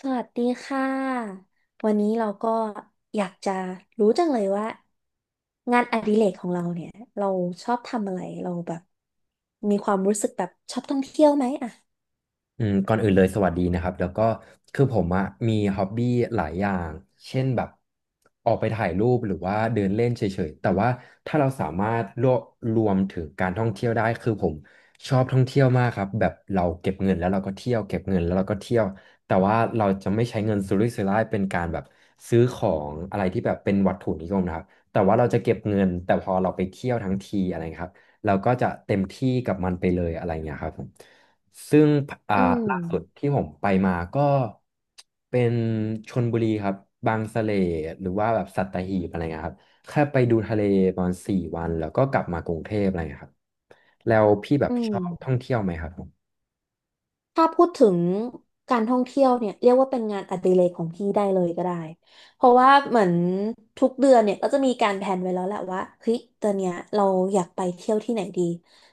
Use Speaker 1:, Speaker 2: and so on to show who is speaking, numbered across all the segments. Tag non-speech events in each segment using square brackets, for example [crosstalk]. Speaker 1: สวัสดีค่ะวันนี้เราก็อยากจะรู้จังเลยว่างานอดิเรกของเราเนี่ยเราชอบทำอะไรเราแบบมีความรู้สึกแบบชอบท่องเที่ยวไหมอ่ะ
Speaker 2: อืมก่อนอื่นเลยสวัสดีนะครับแล้วก็คือผมอะมีฮ็อบบี้หลายอย่างเช่นแบบออกไปถ่ายรูปหรือว่าเดินเล่นเฉยๆแต่ว่าถ้าเราสามารถรวบรวมถึงการท่องเที่ยวได้คือผมชอบท่องเที่ยวมากครับแบบเราเก็บเงินแล้วเราก็เที่ยวเก็บเงินแล้วเราก็เที่ยวแต่ว่าเราจะไม่ใช้เงินสุรุ่ยสุร่ายเป็นการแบบซื้อของอะไรที่แบบเป็นวัตถุนิยมนะครับแต่ว่าเราจะเก็บเงินแต่พอเราไปเที่ยวทั้งทีอะไรเงี้ยครับเราก็จะเต็มที่กับมันไปเลยอะไรเงี้ยครับผม ซึ่งอ่า
Speaker 1: อืม
Speaker 2: ล่าสุดที่ผมไปมาก็เป็นชลบุรีครับ บางสะเลหรือว่าแบบสัตหีบอะไรเงี้ยครับ แค่ไปดูทะเลประมาณ4 วันแล้วก็กลับมากรุงเทพอะไรเงี้ยครับแล้วพี่แบบ
Speaker 1: อื
Speaker 2: ชอบท่อง
Speaker 1: ม
Speaker 2: เที่ยวไหมครับผม
Speaker 1: ถ้าพูดถึงการท่องเที่ยวเนี่ยเรียกว่าเป็นงานอดิเรกของพี่ได้เลยก็ได้ เพราะว่าเหมือนทุกเดือนเนี่ยก็จะมีการแผนไว้แล้วแหละว่าเฮ้ยตอนเนี้ยเราอยากไปเที่ยวที่ไหนดี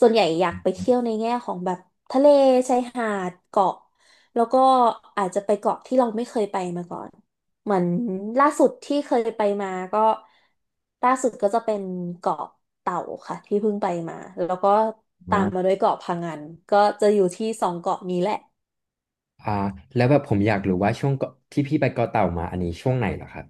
Speaker 1: ส่วนใหญ่อยากไปเที่ยวในแง่ของแบบทะเลชายหาดเกาะแล้วก็อาจจะไปเกาะที่เราไม่เคยไปมาก่อน เหมือนล่าสุดที่เคยไปมาก็ล่าสุดก็จะเป็นเกาะเต่าค่ะที่เพิ่งไปมาแล้วก็ตามมา
Speaker 2: อ่า
Speaker 1: ด้วยเกาะพะงันก็จะอยู่ที่สองเกาะนี้แหละ
Speaker 2: อ่าแล้วแบบผมอยากรู้ว่าช่วงเกาะที่พี่ไปเกาะเต่ามาอันนี้ช่วงไหนเหรอครับ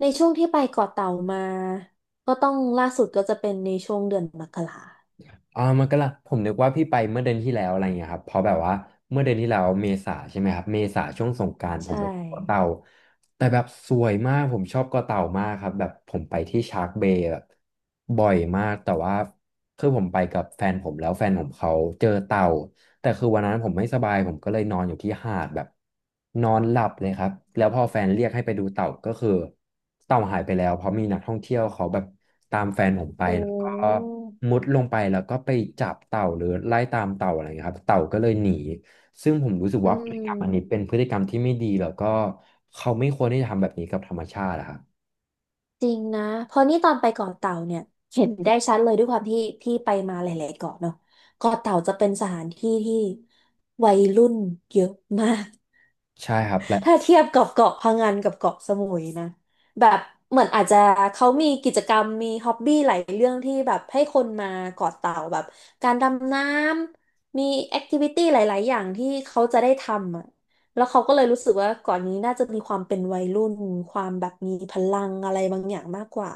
Speaker 1: ในช่วงที่ไปเกาะเต่ามาก็ต้องล่าสุดก็จะเป็นในช่วงเดือนมกรา
Speaker 2: อ่ามันก็ละผมนึกว่าพี่ไปเมื่อเดือนที่แล้วอะไรเงี้ยครับเพราะแบบว่าเมื่อเดือนที่แล้วเมษาใช่ไหมครับเมษาช่วงสงกรานต์ผม
Speaker 1: ใช่
Speaker 2: ไปเกาะเต่าแต่แบบสวยมากผมชอบเกาะเต่ามากครับแบบผมไปที่ชาร์กเบย์แบบบ่อยมากแต่ว่าคือผมไปกับแฟนผมแล้วแฟนผมเขาเจอเต่าแต่คือวันนั้นผมไม่สบายผมก็เลยนอนอยู่ที่หาดแบบนอนหลับเลยครับแล้วพอแฟนเรียกให้ไปดูเต่าก็คือเต่าหายไปแล้วเพราะมีนักท่องเที่ยวเขาแบบตามแฟนผมไป
Speaker 1: โอ้
Speaker 2: แล้วก็ มุดลงไปแล้วก็ไปจับเต่าหรือไล่ตามเต่าอะไรเงี้ยครับเต่าก็เลยหนีซึ่งผมรู้สึก
Speaker 1: อื
Speaker 2: ว่าพฤติกรรมอันนี้เป็
Speaker 1: ม
Speaker 2: นพฤติกรรมที่ไม่ดีแล้วก็เขาไม่ควรที่จะทำแบบนี้กับธรรมชาติอะครับ
Speaker 1: จริงนะเพราะนี่ตอนไปเกาะเต่าเนี่ยเห็นได้ชัดเลยด้วยความที่พี่ไปมาหลายๆเกาะเนาะเกาะเต่าจะเป็นสถานที่ที่วัยรุ่นเยอะมาก
Speaker 2: ใช่ครับและ
Speaker 1: ถ้าเทียบกับเกาะพะงันกับเกาะสมุยนะแบบเหมือนอาจจะเขามีกิจกรรมมีฮ็อบบี้หลายเรื่องที่แบบให้คนมาเกาะเต่าแบบการดำน้ำมีแอคทิวิตี้หลายๆอย่างที่เขาจะได้ทำอ่ะแล้วเขาก็เลยรู้สึกว่าเก่อนนี้น่าจะมีความเป็นวัยรุ่นความแบบมีพลังอะไรบางอย่างมากกว่า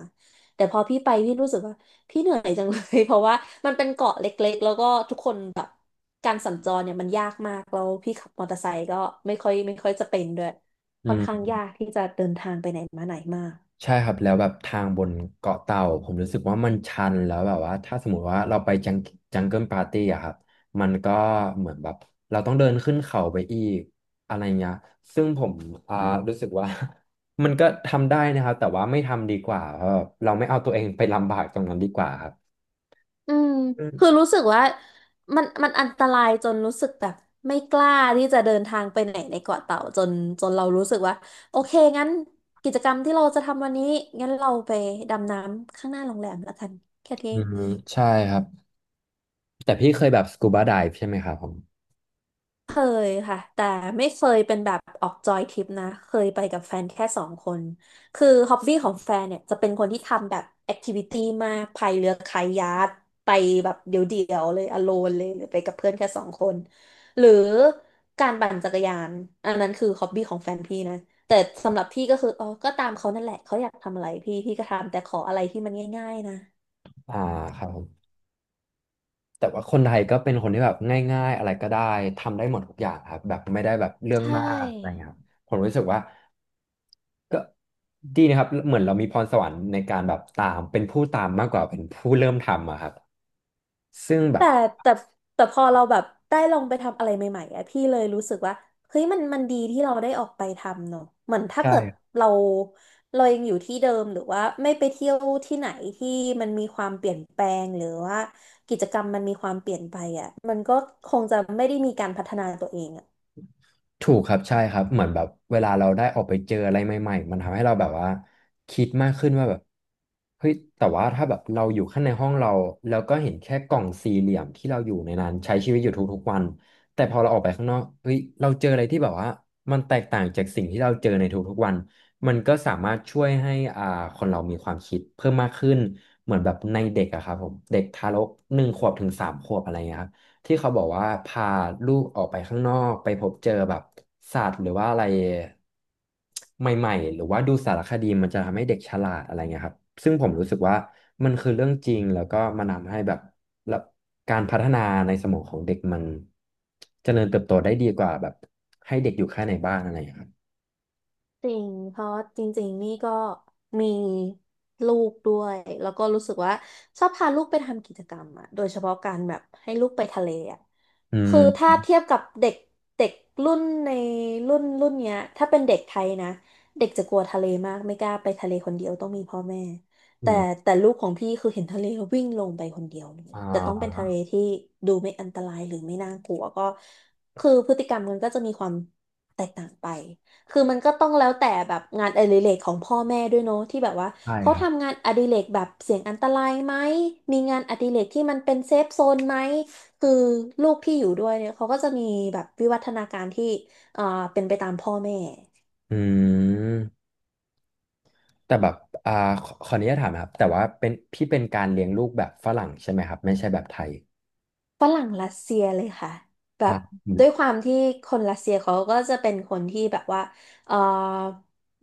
Speaker 1: แต่พอพี่ไปพี่รู้สึกว่า พี่เหนื่อยจังเลย [laughs] เพราะว่ามันเป็นเกาะเล็กๆ แล้วก็ทุกคนแบบการสัญจรเนี่ยมันยากมากแล้วพี่ขับมอเตอร์ไซค์ก็ไม่ค่อยจะเป็นด้วย
Speaker 2: อื
Speaker 1: ค่อนข้าง
Speaker 2: ม
Speaker 1: ยากที่จะเดินทางไปไหนมาไหนมาก
Speaker 2: ใช่ครับแล้วแบบทางบนเกาะเต่าผมรู้สึกว่ามันชันแล้วแบบว่าถ้าสมมติว่าเราไปจังเกิลปาร์ตี้อะครับมันก็เหมือนแบบเราต้องเดินขึ้นเขาไปอีกอะไรเงี้ยซึ่งผมอ่ารู้สึกว่า [laughs] มันก็ทำได้นะครับแต่ว่าไม่ทำดีกว่าเพราะแบบเราไม่เอาตัวเองไปลำบากตรงนั้นดีกว่าครับ
Speaker 1: อืม
Speaker 2: อื
Speaker 1: คือ
Speaker 2: ม
Speaker 1: รู้สึกว่ามันอันตรายจนรู้สึกแบบไม่กล้าที่จะเดินทางไปไหนในเกาะเต่าจนเรารู้สึกว่าโอเคงั้นกิจกรรมที่เราจะทำวันนี้งั้นเราไปดำน้ำข้างหน้าโรงแรมแล้วกันแค่นี้
Speaker 2: อืมใช่ครับแต่พี่เคยแบบสกูบาไดฟ์ใช่ไหมครับผม
Speaker 1: เคยค่ะแต่ไม่เคยเป็นแบบออกจอยทริปนะเคยไปกับแฟนแค่สองคนคือฮอบบี้ของแฟนเนี่ยจะเป็นคนที่ทำแบบแอคทิวิตี้มากพายเรือคายัคไปแบบเดี่ยวๆเลยอโลนเลยหรือไปกับเพื่อนแค่สองคนหรือการปั่นจักรยานอันนั้นคือฮอบบี้ของแฟนพี่นะแต่สำหรับพี่ก็คืออ๋อก็ตามเขานั่นแหละเขาอยากทำอะไรพี่พี่ก็ทำแต่ขออะไรที่มันง่ายๆนะ
Speaker 2: อ่าครับผม แต่ว่าคนไทยก็เป็นคนที่แบบง่ายๆอะไรก็ได้ทำได้หมดทุกอย่างครับแบบไม่ได้แบบเรื่อ
Speaker 1: ใช
Speaker 2: งมากอะไร
Speaker 1: ่
Speaker 2: เงี้ยครับผมรู้สึกว่าก็ดีนะครับเหมือนเรามีพรสวรรค์ในการแบบตามเป็นผู้ตามมากกว่าเป็นผู้เริ่มทำอะครับซึ่งแบ
Speaker 1: แต่
Speaker 2: บ
Speaker 1: แต่แต่พอเราแบบได้ลองไปทำอะไรใหม่ๆอะพี่เลยรู้สึกว่าเฮ้ยมันมันดีที่เราได้ออกไปทำเนอะเหมือนถ้าเกิด
Speaker 2: ใช่
Speaker 1: เราเรายังอยู่ที่เดิมหรือว่าไม่ไปเที่ยวที่ไหนที่มันมีความเปลี่ยนแปลงหรือว่ากิจกรรมมันมีความเปลี่ยนไปอะมันก็คงจะไม่ได้มีการพัฒนาตัวเองอะ
Speaker 2: ถูกครับใช่ครับเหมือนแบบเวลาเราได้ออกไปเจออะไรใหม่ๆมันทำให้เราแบบว่าคิดมากขึ้นว่าแบบเฮ้ยแต่ว่าถ้าแบบเราอยู่ข้างในห้องเราแล้วก็เห็นแค่กล่องสี่เหลี่ยมที่เราอยู่ในนั้นใช้ชีวิตอยู่ทุกๆวันแต่พอเราออกไปข้างนอกเฮ้ยเราเจออะไรที่แบบว่ามันแตกต่างจากสิ่งที่เราเจอในทุกๆวันมันก็สามารถช่วยให้อ่าคนเรามีความคิดเพิ่มมากขึ้นเหมือนแบบในเด็กอะครับผมเด็กทารก1 ขวบถึง3 ขวบอะไรเงี้ยครับ ที่เขาบอกว่าพาลูกออกไปข้างนอกไปพบเจอแบบสัตว์หรือว่าอะไรใหม่ๆหรือว่าดูสารคดีมันจะทำให้เด็กฉลาดอะไรเงี้ยครับซึ่งผมรู้สึกว่ามันคือเรื่องจริงแล้วก็มันทำให้แบบแล้วการพัฒนาในสมองของเด็กมันเจริญเติบโตได้ดีกว่าแบบให้เด็กอยู่แค่ในบ้านอะไรอย่างเงี้ยครับ
Speaker 1: จริงเพราะจริงๆนี่ก็มีลูกด้วยแล้วก็รู้สึกว่าชอบพาลูกไปทำกิจกรรมอะโดยเฉพาะการแบบให้ลูกไปทะเลอะ
Speaker 2: อื
Speaker 1: คือ
Speaker 2: ม
Speaker 1: ถ้าเทียบกับเด็กเด็กรุ่นในรุ่นรุ่นเนี้ยถ้าเป็นเด็กไทยนะเด็กจะกลัวทะเลมากไม่กล้าไปทะเลคนเดียวต้องมีพ่อแม่
Speaker 2: อื
Speaker 1: แต่
Speaker 2: ม
Speaker 1: แต่ลูกของพี่คือเห็นทะเลแล้ววิ่งลงไปคนเดียวเลย
Speaker 2: อ่
Speaker 1: แต่ต้องเป็น
Speaker 2: า
Speaker 1: ทะเลที่ดูไม่อันตรายหรือไม่น่ากลัวก็คือพฤติกรรมมันก็จะมีความแตกต่างไป คือมันก็ต้องแล้วแต่แบบงานอดิเรกของพ่อแม่ด้วยเนาะที่แบบว่า
Speaker 2: ใช่
Speaker 1: เขา
Speaker 2: ครับ
Speaker 1: ทำงานอดิเรกแบบเสี่ยงอันตรายไหมมีงานอดิเรกที่มันเป็นเซฟโซนไหมคือลูกที่อยู่ด้วยเนี่ยเขาก็จะมีแบบวิวัฒนาการที่เอ่อเป็นไปตามพ่อแม่
Speaker 2: อืมแต่แบบอ่าขออนุญาตถามนะครับแต่ว่าเป็นพี่เป็นการเลี้ยงลูกแบบฝรั่งใช่ไหมครับไม่ใช่แบบไทย
Speaker 1: ฝรั่งรัสเซียเลยค่ะแบ
Speaker 2: ครั
Speaker 1: บ
Speaker 2: บอืม
Speaker 1: ด้วยความที่คนรัสเซียเขาก็จะเป็นคนที่แบบว่าเออ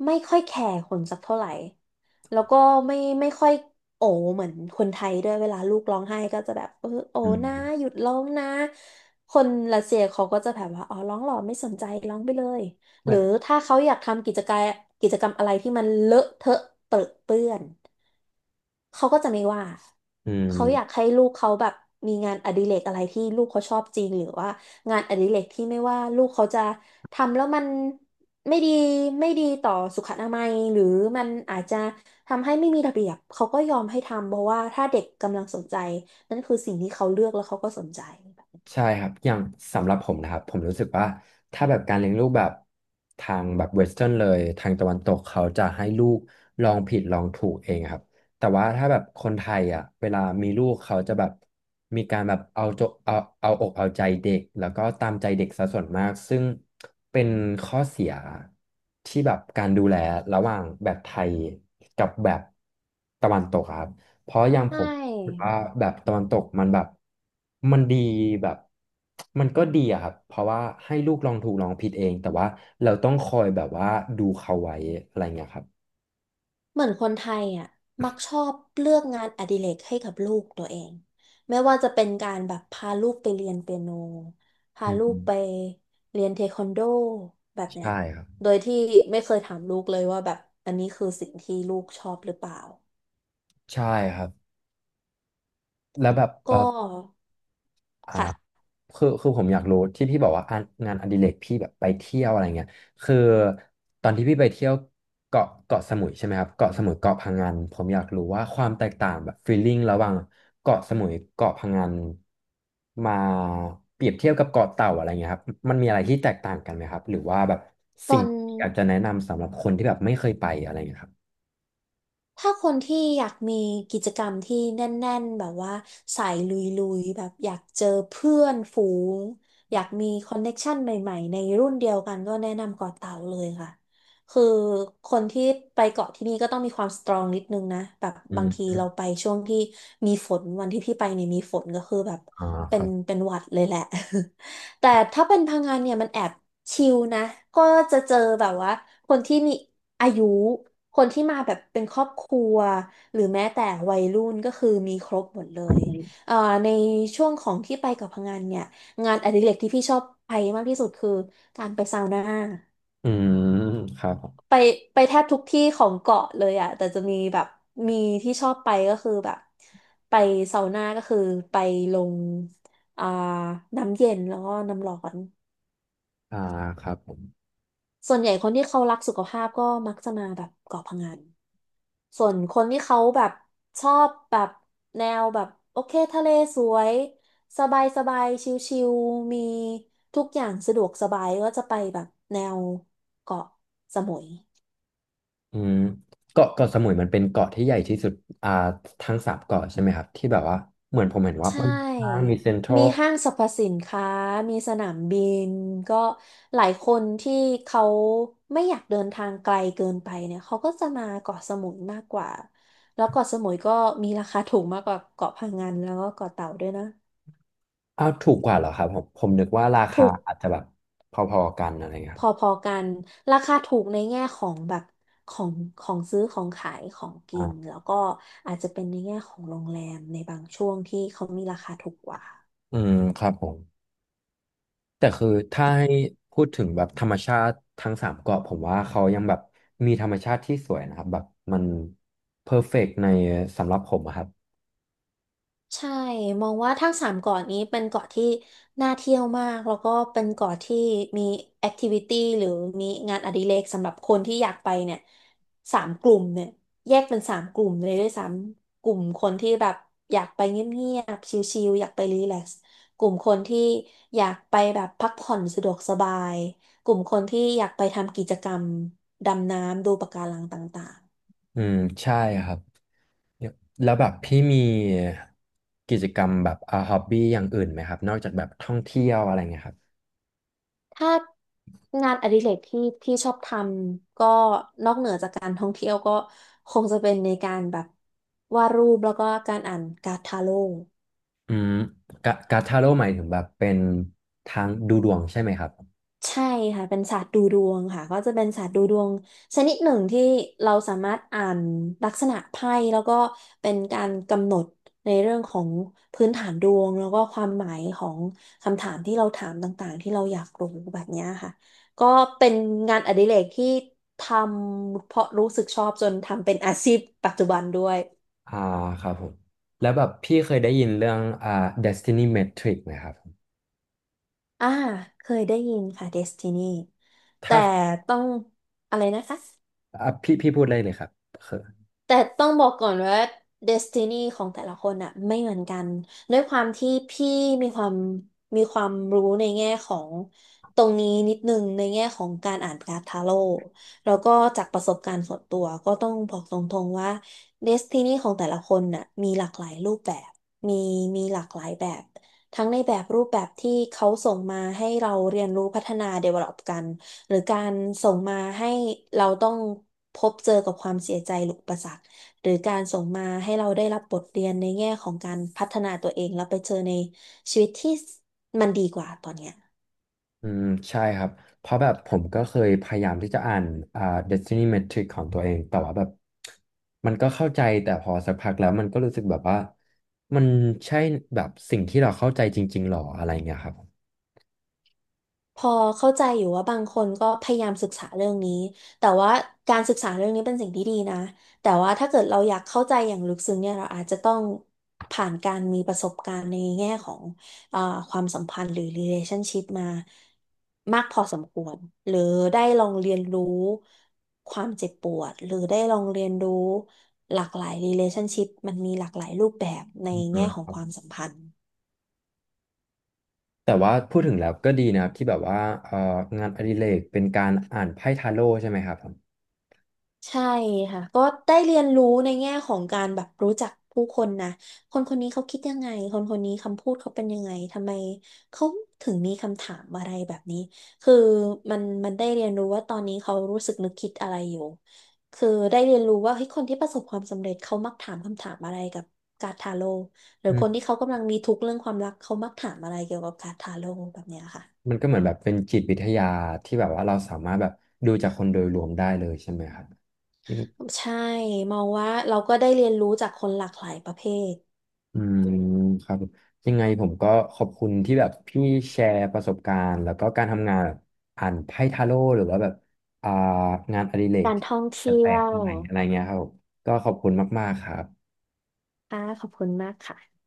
Speaker 1: ไม่ค่อยแคร์คนสักเท่าไหร่แล้วก็ไม่ไม่ค่อยโอเหมือนคนไทยด้วยเวลาลูกร้องไห้ก็จะแบบเออโอ
Speaker 2: อื
Speaker 1: นะห
Speaker 2: ม
Speaker 1: ยุดร้องนะคนรัสเซียเขาก็จะแบบว่าอ๋อร้องหรอไม่สนใจร้องไปเลย
Speaker 2: เห
Speaker 1: ห
Speaker 2: มื
Speaker 1: รื
Speaker 2: อ
Speaker 1: อ
Speaker 2: น
Speaker 1: ถ้าเขาอยากทำกิจกรรมกิจกรรมอะไรที่มันเลอะเทอะเปรอะเปื้อน เขาก็จะไม่ว่า
Speaker 2: อื
Speaker 1: เขาอยาก
Speaker 2: ม
Speaker 1: ให้ลูกเขาแบบมีงานอดิเรกอะไรที่ลูกเขาชอบจริงหรือว่างานอดิเรกที่ไม่ว่าลูกเขาจะทำแล้วมันไม่ดีไม่ดีต่อสุขอนามัยหรือมันอาจจะทำให้ไม่มีระเบียบเขาก็ยอมให้ทำเพราะว่าถ้าเด็กกำลังสนใจนั่นคือสิ่งที่เขาเลือกแล้วเขาก็สนใจ
Speaker 2: ใช่ครับอย่างสำหรับผมนะครับผมรู้สึกว่าถ้าแบบการเลี้ยงลูกแบบทางแบบเวสเทิร์นเลย ทางตะวันตกเขาจะให้ลูกลองผิดลองถูกเองครับแต่ว่าถ้าแบบคนไทยอ่ะเวลามีลูกเขาจะแบบมีการแบบเอาอกเอาใจเด็กแล้วก็ตามใจเด็กซะส่วนมาก ซึ่งเป็นข้อเสียที่แบบการดูแลระหว่างแบบไทยกับแบบตะวันตกอะครับเพราะอย่าง
Speaker 1: ใช
Speaker 2: ผม หรือ
Speaker 1: ่
Speaker 2: ว่าแบบตะวันตกมันแบบมันดีแบบมันก็ดีอะครับเพราะว่าให้ลูกลองถูกลองผิดเองแต่ว่าเราต้องคอยแบบว่าดูเขาไว้อะไรเงี้ยครับ
Speaker 1: เหมือนคนไทยอ่ะมักชอบเลือกงานอดิเรกให้กับลูกตัวเองไม่ว่าจะเป็นการแบบพาลูกไปเรียนเปียโนพา
Speaker 2: อื
Speaker 1: ลูก
Speaker 2: ม
Speaker 1: ไปเรียนเทควันโดแบบเนี้ย
Speaker 2: ใช่ครับ
Speaker 1: โดยที่ไม่เคยถามลูกเลยว่าแบบอันนี้คือสิ่งที่ลูกชอบหรือเปล่า
Speaker 2: ใช่ครับแล้วแบบ
Speaker 1: ก็
Speaker 2: อ่า
Speaker 1: ค่ะ
Speaker 2: คือผมอยากรู้ที่พี่บอกว่างานอดิเรกพี่แบบไปเที่ยวอะไรเงี้ยคือตอนที่พี่ไปเที่ยวเกาะสมุยใช่ไหมครับเกาะสมุยเกาะพังงานผมอยากรู้ว่าความแตกต่างแบบฟีลลิ่งระหว่างเกาะสมุยเกาะพังงานมาเปรียบเทียบกับเกาะเต่าอะไรเงี้ยครับมันมีอะไรที่แตกต่างกันไหมครับหรือว่าแบบ
Speaker 1: ตอ
Speaker 2: สิ่ง
Speaker 1: น
Speaker 2: ที่อยากจะแนะนำสำหรับคนที่แบบไม่เคยไปอะไรเงี้ยครับ
Speaker 1: ถ้าคนที่อยากมีกิจกรรมที่แน่นๆแบบว่าสายลุยๆแบบอยากเจอเพื่อนฝูงอยากมีคอนเน็กชันใหม่ๆในรุ่นเดียวกันก็แนะนำเกาะเต่าเลยค่ะคือคนที่ไปเกาะที่นี่ก็ต้องมีความสตรองนิดนึงนะแบบ
Speaker 2: อื
Speaker 1: บางที
Speaker 2: ม
Speaker 1: เราไปช่วงที่มีฝนวันที่พี่ไปเนี่ยมีฝนก็คือแบบ
Speaker 2: อ่าค
Speaker 1: เป็
Speaker 2: รั
Speaker 1: น
Speaker 2: บ
Speaker 1: เป็นหวัดเลยแหละ [laughs] แต่ถ้าเป็นพังงานเนี่ยมันแอบชิลนะก็จะเจอแบบว่าคนที่มีอายุ คนที่มาแบบเป็นครอบครัวหรือแม้แต่วัยรุ่นก็คือมีครบหมดเลยเอ่อในช่วงของที่ไปกับพังงานเนี่ยงานอดิเรกที่พี่ชอบไปมากที่สุดคือการไปซาวน่า
Speaker 2: อืมครับผม
Speaker 1: ไปไปแทบทุกที่ของเกาะเลยอะแต่จะมีแบบมีที่ชอบไปก็คือแบบไปซาวน่าก็คือไปลงอ่าน้ำเย็นแล้วก็น้ำร้อน
Speaker 2: อ่าครับผม
Speaker 1: ส่วนใหญ่คนที่เขารักสุขภาพก็มักจะมาแบบเกาะพะงัน ส่วนคนที่เขาแบบชอบแบบแนวแบบโอเคทะเลสวยสบายสบายชิลๆมีทุกอย่างสะดวกสบายก็จะไปแบบแนวเกาะสมุย
Speaker 2: อืมเกาะสมุยมันเป็นเกาะที่ใหญ่ที่สุดอ่าทั้งสามเกาะใช่ไหมครับที่แบบว่าเหมือนผมเห็นว่า
Speaker 1: ใช
Speaker 2: มันค่าง
Speaker 1: ่
Speaker 2: มีเซ็นทรั
Speaker 1: มี
Speaker 2: ล
Speaker 1: ห้างสรรพสินค้ามีสนามบินก็หลายคนที่เขาไม่อยากเดินทางไกลเกินไปเนี่ยเขาก็จะมาเกาะสมุยมากกว่าแล้วเกาะสมุยก็มีราคาถูกมากกว่าเกาะพะงันแล้วก็เกาะเต่าด้วยนะ
Speaker 2: อ้าวถูกกว่าเหรอครับผมนึกว่าราคา
Speaker 1: ถูก
Speaker 2: อาจจะแบบพอๆกันอะไรเงี้ยค
Speaker 1: พ
Speaker 2: รับ
Speaker 1: อๆกัน ราคาถูกในแง่ของแบบของของซื้อของขายของกิน
Speaker 2: อ่า
Speaker 1: แล้วก็อาจจะเป็นในแง่ของโรงแรมในบางช่วงที่เขามีราคาถูกกว่า
Speaker 2: อืมครับผมแต่คือถ้าให้พูดถึงแบบธรรมชาติทั้งสามเกาะผมว่าเขายังแบบมีธรรมชาติที่สวยนะครับแบบมันเพอร์เฟกต์ในสำหรับผมอะครับ
Speaker 1: ใช่ มองว่าทั้งสามเกาะนี้เป็นเกาะที่น่าเที่ยวมาก แล้วก็เป็นเกาะที่มีแอคทิวิตี้หรือมีงานอดิเรกสำหรับคนที่อยากไปเนี่ยสามกลุ่มเนี่ยแยกเป็นสามกลุ่มเลยด้วยซ้ำกลุ่มคนที่แบบอยากไปเงียบๆชิลๆอยากไปรีแลกซ์กลุ่มคนที่อยากไปแบบพักผ่อนสะดวกสบายกลุ่มคนที่อยากไปทำกิจกรรมดำน้ำดูปะการังต่างๆ
Speaker 2: อืมใช่ครับ เนี่ยแล้วแบบพี่มีกิจกรรมแบบฮอบบี้อย่างอื่นไหมครับนอกจากแบบท่องเที่ยวอะไรเงี้ยครับ
Speaker 1: ถ้างานอดิเรกที่พี่ชอบทำก็นอกเหนือจากการท่องเที่ยวก็คงจะเป็นในการแบบวาดรูปแล้วก็การอ่านการ์ดทาโร่
Speaker 2: อืมการ์ดทาโร่หมายถึงแบบเป็นทางดูดวงใช่ไหมครับ
Speaker 1: ใช่ค่ะเป็นศาสตร์ดูดวงค่ะก็จะเป็นศาสตร์ดูดวงชนิดหนึ่งที่เราสามารถอ่านลักษณะไพ่แล้วก็เป็นการกำหนดในเรื่องของพื้นฐานดวงแล้วก็ความหมายของคำถามที่เราถามต่างๆที่เราอยากรู้แบบเนี้ยค่ะก็เป็นงานอดิเรกที่ทำเพราะรู้สึกชอบจนทำเป็นอาชีพปัจจุบันด้วย
Speaker 2: อ่าครับผมแล้วแบบพี่เคยได้ยินเรื่องDestiny Matrix ไหมครับ
Speaker 1: อ่าเคยได้ยินค่ะ Destiny
Speaker 2: ถ้า
Speaker 1: แต่ต้องอะไรนะคะ
Speaker 2: อ่ะพี่พูดได้เลยครับ
Speaker 1: แต่ต้องบอกก่อนว่าเดสตินีของแต่ละคนอะไม่เหมือนกันด้วยความที่พี่มีความมีความรู้ในแง่ของตรงนี้นิดนึงในแง่ของการอ่านการ์ดทาโร่แล้วก็จากประสบการณ์ส่วนตัวก็ต้องบอกตรงๆว่าเดสตินีของแต่ละคนน่ะมีหลากหลายรูปแบบมีมีหลากหลายแบบทั้งในแบบรูปแบบที่เขาส่งมาให้เราเรียนรู้พัฒนา develop กัน หรือการส่งมาให้เราต้องพบเจอกับความเสียใจหรืออุปสรรคหรือการส่งมาให้เราได้รับบทเรียนในแง่ของการพัฒนาตัวเองแล้วไปเจอในชีวิตที่มันดีกว่าตอนเนี้ย
Speaker 2: อืมใช่ครับเพราะแบบผมก็เคยพยายามที่จะอ่านอ่า Destiny Metric ของตัวเองแต่ว่าแบบมันก็เข้าใจแต่พอสักพักแล้วมันก็รู้สึกแบบว่ามันใช่แบบสิ่งที่เราเข้าใจจริงๆหรออะไรเงี้ยครับ
Speaker 1: พอเข้าใจอยู่ว่าบางคนก็พยายามศึกษาเรื่องนี้แต่ว่าการศึกษาเรื่องนี้เป็นสิ่งที่ดีนะแต่ว่าถ้าเกิดเราอยากเข้าใจอย่างลึกซึ้งเนี่ยเราอาจจะต้องผ่านการมีประสบการณ์ในแง่ของอ่าความสัมพันธ์หรือ relationship มามากพอสมควรหรือได้ลองเรียนรู้ความเจ็บปวดหรือได้ลองเรียนรู้หลากหลาย relationship มันมีหลากหลายรูปแบบใน
Speaker 2: อื
Speaker 1: แง่
Speaker 2: ม
Speaker 1: ขอ
Speaker 2: ค
Speaker 1: ง
Speaker 2: รั
Speaker 1: ความ
Speaker 2: บ
Speaker 1: สัมพันธ์
Speaker 2: แต่ว่าพูดถึงแล้วก็ดีนะครับที่แบบว่าเอ่องานอดิเรกเป็นการอ่านไพ่ทาโร่ใช่ไหมครับผม
Speaker 1: ใช่ค่ะก็ได้เรียนรู้ในแง่ของการแบบรู้จักผู้คนนะคนคนนี้เขาคิดยังไงคนคนนี้คำพูดเขาเป็นยังไงทำไมเขาถึงมีคำถามอะไรแบบนี้คือมันได้เรียนรู้ว่าตอนนี้เขารู้สึกนึกคิดอะไรอยู่คือได้เรียนรู้ว่าเฮ้ยคนที่ประสบความสำเร็จเขามักถามคำถามอะไรกับการ์ดทาโร่หรือ
Speaker 2: อื
Speaker 1: คนที่
Speaker 2: ม
Speaker 1: เขากำลังมีทุกข์เรื่องความรักเขามักถามอะไรเกี่ยวกับการ์ดทาโร่แบบเนี้ยค่ะ
Speaker 2: มันก็เหมือนแบบเป็นจิตวิทยาที่แบบว่าเราสามารถแบบดูจากคนโดยรวมได้เลยใช่ไหมครับ
Speaker 1: ใช่มองว่าเราก็ได้เรียนรู้จากคนหลากหลายประเภท
Speaker 2: อืมครับผมยังไงผมก็ขอบคุณที่แบบพี่แชร์ประสบการณ์แล้วก็การทำงานแบบอ่านไพ่ทาโร่หรือว่าแบบอ่างานอดิเรก
Speaker 1: การ
Speaker 2: ที่
Speaker 1: ท่อง
Speaker 2: แป
Speaker 1: เที่
Speaker 2: ล
Speaker 1: ย
Speaker 2: ก
Speaker 1: ว
Speaker 2: ๆใหม่อะไรเงี้ยครับผมก็ขอบคุณมากๆครับ
Speaker 1: ค่ะขอบคุณมากค่ะ